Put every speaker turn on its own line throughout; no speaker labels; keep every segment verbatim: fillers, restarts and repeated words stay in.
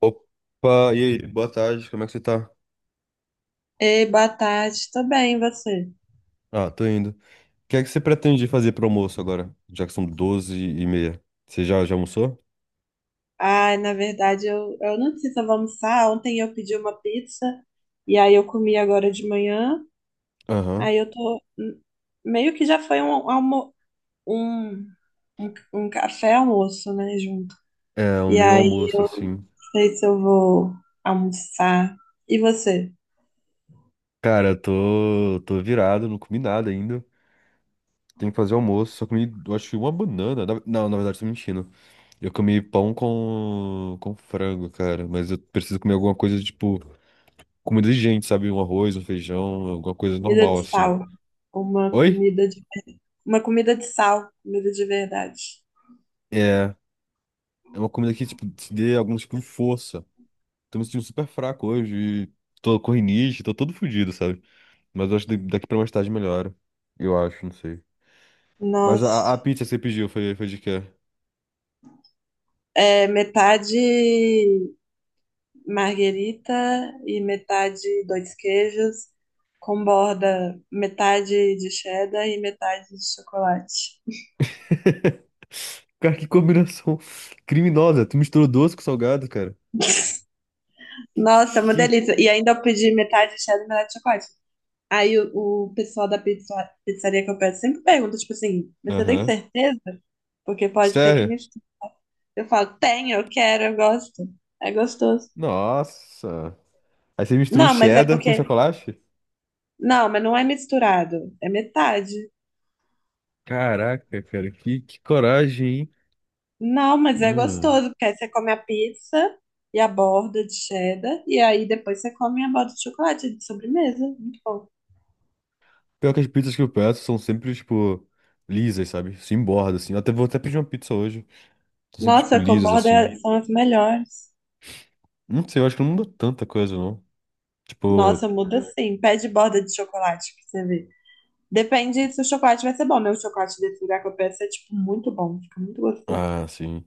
Opa, e aí? Boa tarde, como é que você tá?
Ei, boa tarde, tô bem, e você?
Ah, tô indo. O que é que você pretende fazer pro almoço agora? Já que são doze e meia. Você já, já almoçou?
Ai, na verdade, eu, eu não sei se eu vou almoçar. Ontem eu pedi uma pizza e aí eu comi agora de manhã.
Aham.
Aí eu tô. Hum, Meio que já foi um, um almo, um, um, um café almoço, né, junto.
É, o
E
meu
aí, não
almoço, assim.
sei se eu vou almoçar. E você?
Cara, eu tô, tô virado, não comi nada ainda. Tenho que fazer almoço, só comi, eu acho que uma banana. Na- Não, na verdade, tô mentindo. Eu comi pão com, com frango, cara. Mas eu preciso comer alguma coisa, tipo, comida de gente, sabe? Um arroz, um feijão, alguma coisa
Comida de
normal, assim.
sal. Uma
Oi?
comida de, uma comida de sal, comida de verdade.
É. É uma comida que, tipo, te dê algum tipo de força. Tô me sentindo super fraco hoje. e Tô com rinite, tô todo fudido, sabe? Mas eu acho que daqui pra mais tarde melhora. Eu acho, não sei. Mas a, a
Nossa,
pizza que você pediu foi, foi de quê?
é metade marguerita e metade dois queijos, com borda metade de cheddar e metade de chocolate.
Cara, que combinação criminosa. Tu misturou doce com salgado, cara.
Nossa, é uma
Que...
delícia. E ainda eu pedi metade de cheddar e metade de chocolate. Aí o, o pessoal da pizza- pizzaria que eu peço sempre pergunta, tipo assim, "Mas você tem
Aham.
certeza? Porque pode ser que
Sério?
me..." Eu falo, tenho, eu quero, eu gosto. É gostoso.
Nossa. Aí você misturou
Não, mas é
cheddar com
porque...
chocolate?
Não, mas não é misturado. É metade.
Caraca, cara, que, que coragem, hein?
Não, mas é
Hum.
gostoso, porque aí você come a pizza e a borda de cheddar, e aí depois você come a borda de chocolate de sobremesa. Muito bom.
Pior que as pizzas que eu peço são sempre, tipo, lisas, sabe? Sem borda, assim. Eu até vou até pedir uma pizza hoje. São sempre, tipo,
Nossa, com
lisas, assim.
borda são as melhores.
Não sei, eu acho que não muda tanta coisa, não.
Nossa,
Tipo,
muda sim. Pede borda de chocolate pra você ver. Depende se o chocolate vai ser bom, né? O chocolate desse lugar que eu peço é, tipo, muito bom. Fica muito gostoso.
ah, sim.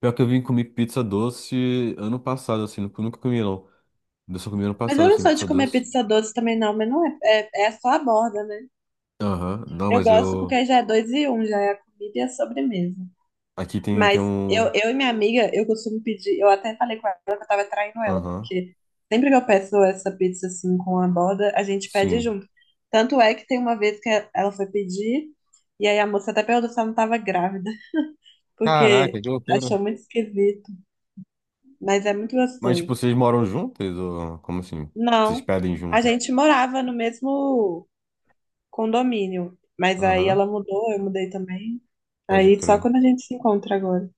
Pior que eu vim comer pizza doce ano passado, assim. Nunca nunca comi, não. Eu só comi ano
Mas eu
passado,
não
assim,
sou de
pizza
comer
doce.
pizza doce também, não. Mas não é, é, é só a borda, né?
Aham. Não,
Eu
mas
gosto porque
eu.
aí já é dois e um, já é a comida e a sobremesa.
Aqui tem, tem
Mas eu,
um.
eu e minha amiga, eu costumo pedir. Eu até falei com ela que eu tava traindo ela,
Aham.
porque sempre que eu peço essa pizza assim com a borda, a gente pede
Sim.
junto. Tanto é que tem uma vez que ela foi pedir, e aí a moça até perguntou se ela não tava grávida,
Caraca,
porque
que loucura.
achou muito esquisito, mas é muito
Mas, tipo,
gostoso.
vocês moram juntas? Ou como assim? Vocês
Não,
pedem
a
juntas?
gente morava no mesmo condomínio, mas aí
Aham.
ela mudou, eu mudei também.
Pode
Aí só
crer.
quando a gente se encontra agora.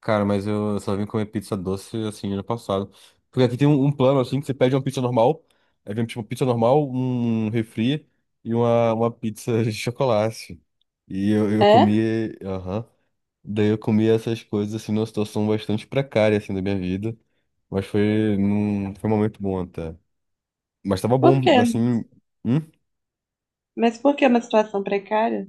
Cara, mas eu só vim comer pizza doce assim ano passado. Porque aqui tem um, um plano assim que você pede uma pizza normal, aí vem tipo pizza normal, um refri e uma, uma pizza de chocolate. E eu, eu
É?
comi, aham. Daí eu comi essas coisas assim numa situação bastante precária assim da minha vida, mas foi num, foi um momento bom até. Mas tava
Por
bom,
quê?
assim, hum?
Mas por que uma situação precária?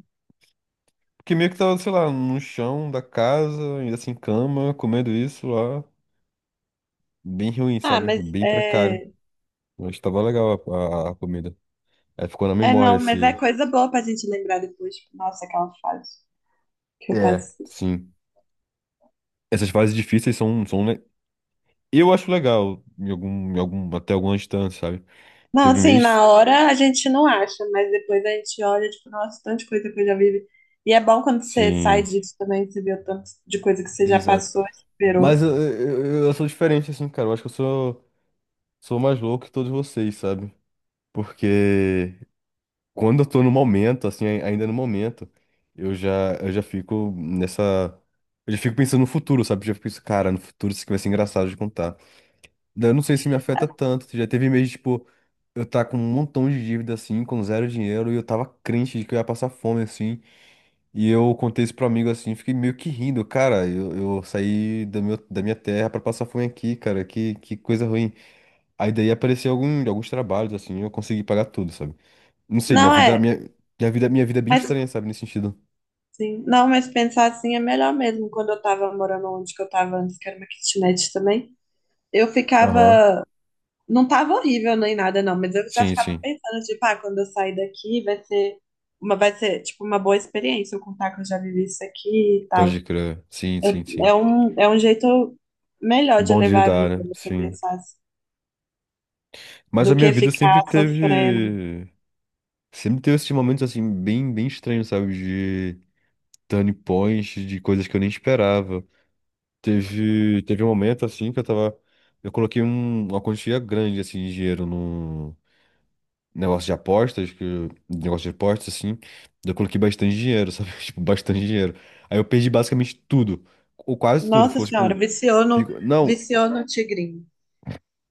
Porque meio que tava, sei lá, no chão da casa, ainda assim cama, comendo isso lá, bem ruim,
Ah,
sabe?
mas
Bem precário.
é.
Mas tava legal a, a- a comida. Aí ficou na
É,
memória
não, mas é
esse.
coisa boa pra gente lembrar depois. Tipo, nossa, aquela fase que eu
É.
passei.
Sim. Essas fases difíceis são, são. le- Eu acho legal, em algum, em algum, até alguma distância, sabe?
Não,
Teve
assim,
mês.
na hora a gente não acha, mas depois a gente olha, tipo, nossa, tanta coisa que eu já vivi. E é bom quando você sai
Sim.
disso também, você vê o tanto de coisa que você já
Exato.
passou, superou.
Mas eu, eu, eu sou diferente, assim, cara. Eu acho que eu sou, sou mais louco que todos vocês, sabe? Porque quando eu tô no momento, assim, ai- ainda no momento, eu já, eu já fico nessa. Eu já fico pensando no futuro, sabe? Eu já fico pensando, cara, no futuro isso aqui vai ser engraçado de contar. Daí eu não sei se me afeta tanto. Já teve mês, tipo, eu tá com um montão de dívida, assim, com zero dinheiro, e eu tava crente de que eu ia passar fome, assim. E eu contei isso pro amigo, assim, fiquei meio que rindo. Cara, eu, eu saí do meu, da minha terra pra passar fome aqui, cara, que, que coisa ruim. Aí daí apareceu algum, alguns trabalhos, assim, eu consegui pagar tudo, sabe? Não sei, minha
Não
vida,
é,
minha, minha vida, minha vida é bem
mas
estranha, sabe, nesse sentido.
sim. Não, mas pensar assim é melhor mesmo. Quando eu tava morando onde que eu tava antes, que era uma kitnet também, eu
Aham.
ficava. Não tava horrível nem nada, não, mas eu já
Sim,
ficava
sim.
pensando, tipo, ah, quando eu sair daqui vai ser uma, vai ser, tipo, uma boa experiência eu contar que eu já vivi isso aqui e tal.
Pode crer. Sim, sim,
Eu- é
sim.
um, é um jeito melhor de
Bom de
levar a
lidar,
vida,
né?
você
Sim.
pensar assim,
Mas a
do
minha
que
vida sempre
ficar sofrendo.
teve. Sempre teve esses momentos assim, bem, bem estranhos, sabe? De turning points, de coisas que eu nem esperava. Teve, teve um momento assim que eu tava. Eu coloquei um- uma quantia grande assim, de dinheiro no negócio de apostas, que, eu- negócio de apostas, assim. Eu coloquei bastante dinheiro, sabe? Tipo, bastante dinheiro. Aí eu perdi basicamente tudo. Ou quase tudo.
Nossa
Ficou tipo
Senhora,
um.
viciou no,
Fico, não,
viciou no tigrinho.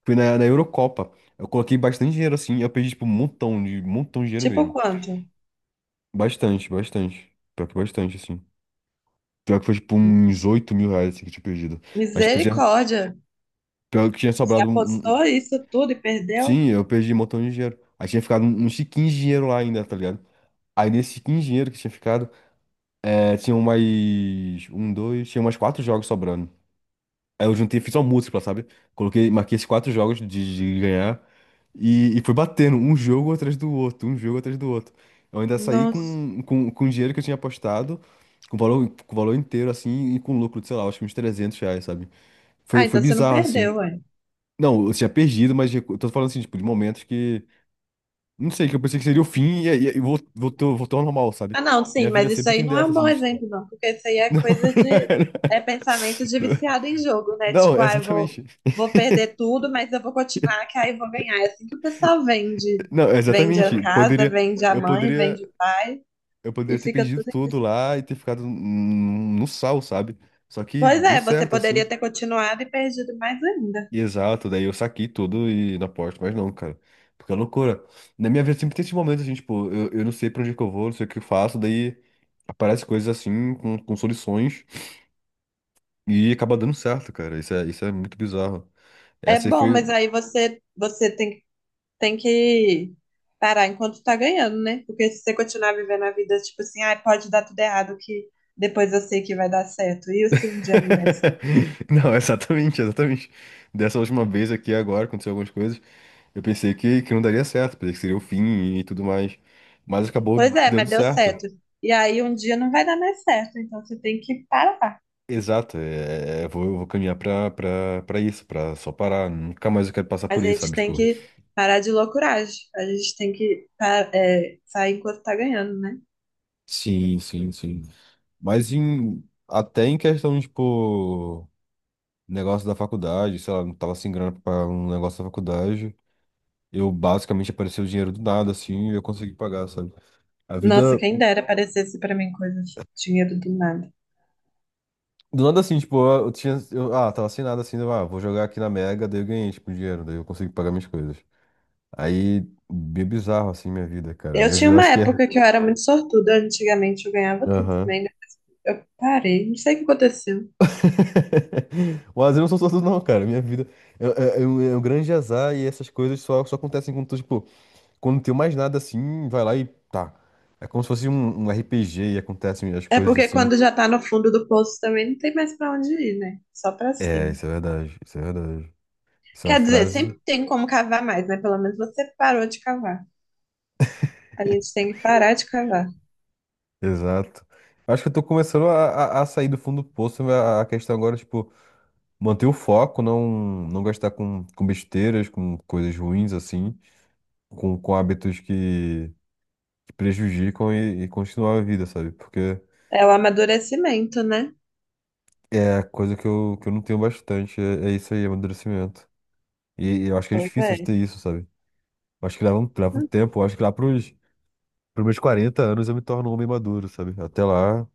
fui na, na Eurocopa. Eu coloquei bastante dinheiro assim, eu perdi tipo um montão de, um montão de dinheiro
Tipo
mesmo.
quanto?
Bastante, bastante. Pior que bastante, assim. Pior que foi tipo uns oito mil reais assim, que eu tinha perdido. Mas tipo, tinha,
Misericórdia.
pior que tinha
Você
sobrado um, um-
apostou
um,
isso tudo e perdeu?
Sim, eu perdi um montão de dinheiro. Aí tinha ficado um- uns quinze dinheiro lá ainda, tá ligado? Aí nesse quinze dinheiro que tinha ficado, é, tinham mais. Um, dois. Tinha mais quatro jogos sobrando. Aí eu juntei, fiz uma múltipla, sabe? Coloquei, marquei esses quatro jogos de, de ganhar. E, e fui batendo um jogo atrás do outro, um jogo atrás do outro. Eu ainda saí
Nossa.
com, com, com o dinheiro que eu tinha apostado, com o valor, com o valor inteiro, assim, e com lucro de, sei lá, acho que uns trezentos reais, sabe?
Ah,
Foi, foi
então você não
bizarro, assim.
perdeu, ué.
Não, eu tinha perdido, mas eu tô falando assim, tipo, de momentos que. Não sei, que eu pensei que seria o fim e, aí e vol- voltou, voltou ao normal, sabe?
Ah, não, sim,
Minha vida
mas isso
sempre
aí
tem
não é
dessa,
um bom
assim. de-
exemplo, não, porque isso aí é
Não,
coisa
não,
de,
era.
é pensamento de viciado em jogo, né?
Não,
Tipo, ah, eu vou,
exatamente.
vou perder tudo, mas eu vou continuar, que aí eu vou ganhar. É assim que o pessoal vende,
Não,
vende a
exatamente.
casa,
Poderia.
vende a
Eu
mãe,
poderia.
vende o pai,
Eu
e
poderia ter
fica
perdido
tudo.
tudo lá e ter ficado no no sal, sabe? Só que
Pois
deu
é, você
certo,
poderia
assim.
ter continuado e perdido mais ainda.
e Exato, daí eu saquei tudo e na porta, mas não, cara. Porque é loucura. Na minha vida sempre tem esse momento assim, tipo, eu, eu não sei pra onde que eu vou, não sei o que eu faço, daí aparece coisas assim, com, com soluções, e acaba dando certo, cara. Isso é, isso é muito bizarro.
É
Essa aí
bom,
foi.
mas aí você, você tem tem que parar enquanto tá ganhando, né? Porque se você continuar vivendo a vida, tipo assim, ah, pode dar tudo errado, que depois eu sei que vai dar certo. E se um dia não der certo?
Não, exatamente, exatamente. Dessa última vez aqui agora, aconteceu algumas coisas. Eu pensei que, que não daria certo, pensei que seria o fim e tudo mais. Mas acabou
Pois é,
dando
mas deu
certo.
certo. E aí um dia não vai dar mais certo, então você tem que parar.
Exato, é, é, eu vou, eu vou caminhar pra, pra, pra isso, pra só parar. Nunca mais eu quero passar
A
por isso,
gente
sabe?
tem
Tipo,
que parar de loucuragem. A gente tem que pa- é, sair enquanto tá ganhando, né?
sim, sim, sim. Mas em, até em questão, tipo, negócio da faculdade, sei lá, não tava sem grana pra pagar um negócio da faculdade. Eu basicamente apareceu o dinheiro do nada, assim, e eu consegui pagar, sabe? A
Nossa,
vida.
quem dera aparecesse pra mim coisa de dinheiro do nada.
Do nada assim, tipo, eu, eu tinha. Eu, ah, tava sem nada assim, eu, ah, vou jogar aqui na Mega, daí eu ganhei, tipo, um dinheiro, daí eu consegui pagar minhas coisas. Aí, bem bizarro, assim, minha vida, cara.
Eu
Minha
tinha
vida, eu
uma
acho que é.
época que eu era muito sortuda, antigamente eu ganhava tudo
Aham.
também, né? Eu parei, não sei o que aconteceu.
O azar não são só tu, não, cara. Minha vida é, é- é um, é um grande azar e essas coisas só, só acontecem quando tu, tipo, quando não tem mais nada assim, vai lá e tá. É como se fosse um, um R P G e acontecem as
É
coisas
porque
assim.
quando já tá no fundo do poço também não tem mais pra onde ir, né? Só pra
É,
cima.
isso é verdade, isso é verdade. Isso é uma
Quer dizer,
frase.
sempre tem como cavar mais, né? Pelo menos você parou de cavar. A gente tem que parar de cavar.
Exato. Acho que eu tô começando a, a- a sair do fundo do poço. mas A, a questão agora, é, tipo, manter o foco, não, não gastar com, com besteiras, com coisas ruins, assim, com, com hábitos que, que prejudicam e, e continuar a vida, sabe? Porque
É o amadurecimento, né?
é coisa que eu, que eu não tenho bastante, é, é isso aí, amadurecimento. E, e eu acho que é
Pois
difícil
é.
de ter isso, sabe? Eu acho que leva um, leva um
Hum.
tempo, eu acho que lá pros, pros meus quarenta anos eu me torno um homem maduro, sabe? Até lá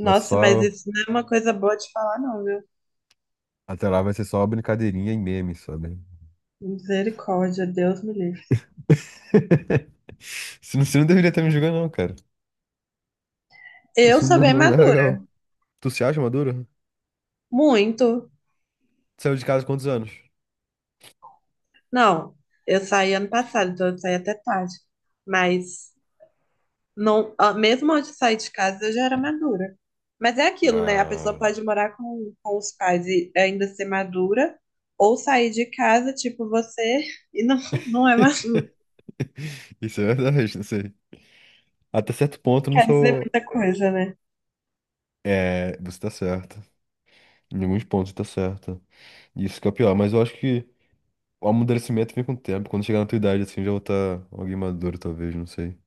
vai ser
mas
só,
isso não é uma coisa boa de falar, não, viu?
até lá vai ser só brincadeirinha e meme, sabe?
Misericórdia, Deus me livre.
Você não, você não deveria estar me julgando, não, cara.
Eu
Isso
sou
não,
bem
não é
madura,
legal. Tu se acha maduro?
muito.
Saiu de casa há quantos anos?
Não, eu saí ano passado, então eu saí até tarde. Mas Não, ah, mesmo antes de sair de casa, eu já era madura. Mas é aquilo, né? A pessoa
Ah.
pode morar com, com os pais e ainda ser madura, ou sair de casa, tipo você, e não, não é madura.
Isso é verdade, não sei. Até certo ponto eu não
Quer dizer
sou.
muita coisa, né?
É, você tá certo. Em alguns pontos você tá certo. Isso que é o pior, mas eu acho que o amadurecimento vem com o tempo. Quando chegar na tua idade, assim, já vou estar alguém maduro, talvez, não sei.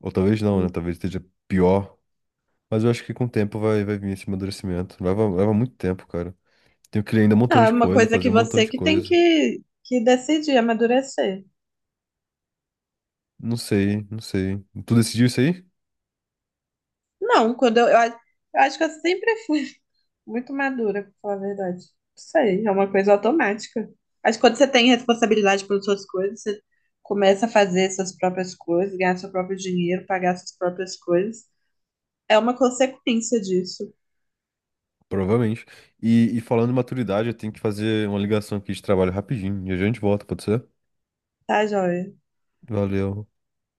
Ou talvez não, né? Talvez esteja pior. Mas eu acho que com o tempo vai, vai vir esse amadurecimento. Leva, leva muito tempo, cara. Tenho que ler ainda um
Não,
montão
é
de
uma
coisa,
coisa
fazer
que
um montão
você
de
que tem
coisa.
que, que decidir, amadurecer.
Não sei, não sei. Tu decidiu isso aí?
Não, quando eu, eu, a- eu acho que eu sempre fui muito madura, pra falar a verdade. Não sei, é uma coisa automática. Acho que quando você tem responsabilidade pelas suas coisas, você começa a fazer suas próprias coisas, ganhar seu próprio dinheiro, pagar suas próprias coisas. É uma consequência disso,
Provavelmente. E, e falando em maturidade, eu tenho que fazer uma ligação aqui de trabalho rapidinho. E a gente volta, pode ser?
tá, joia?
Valeu.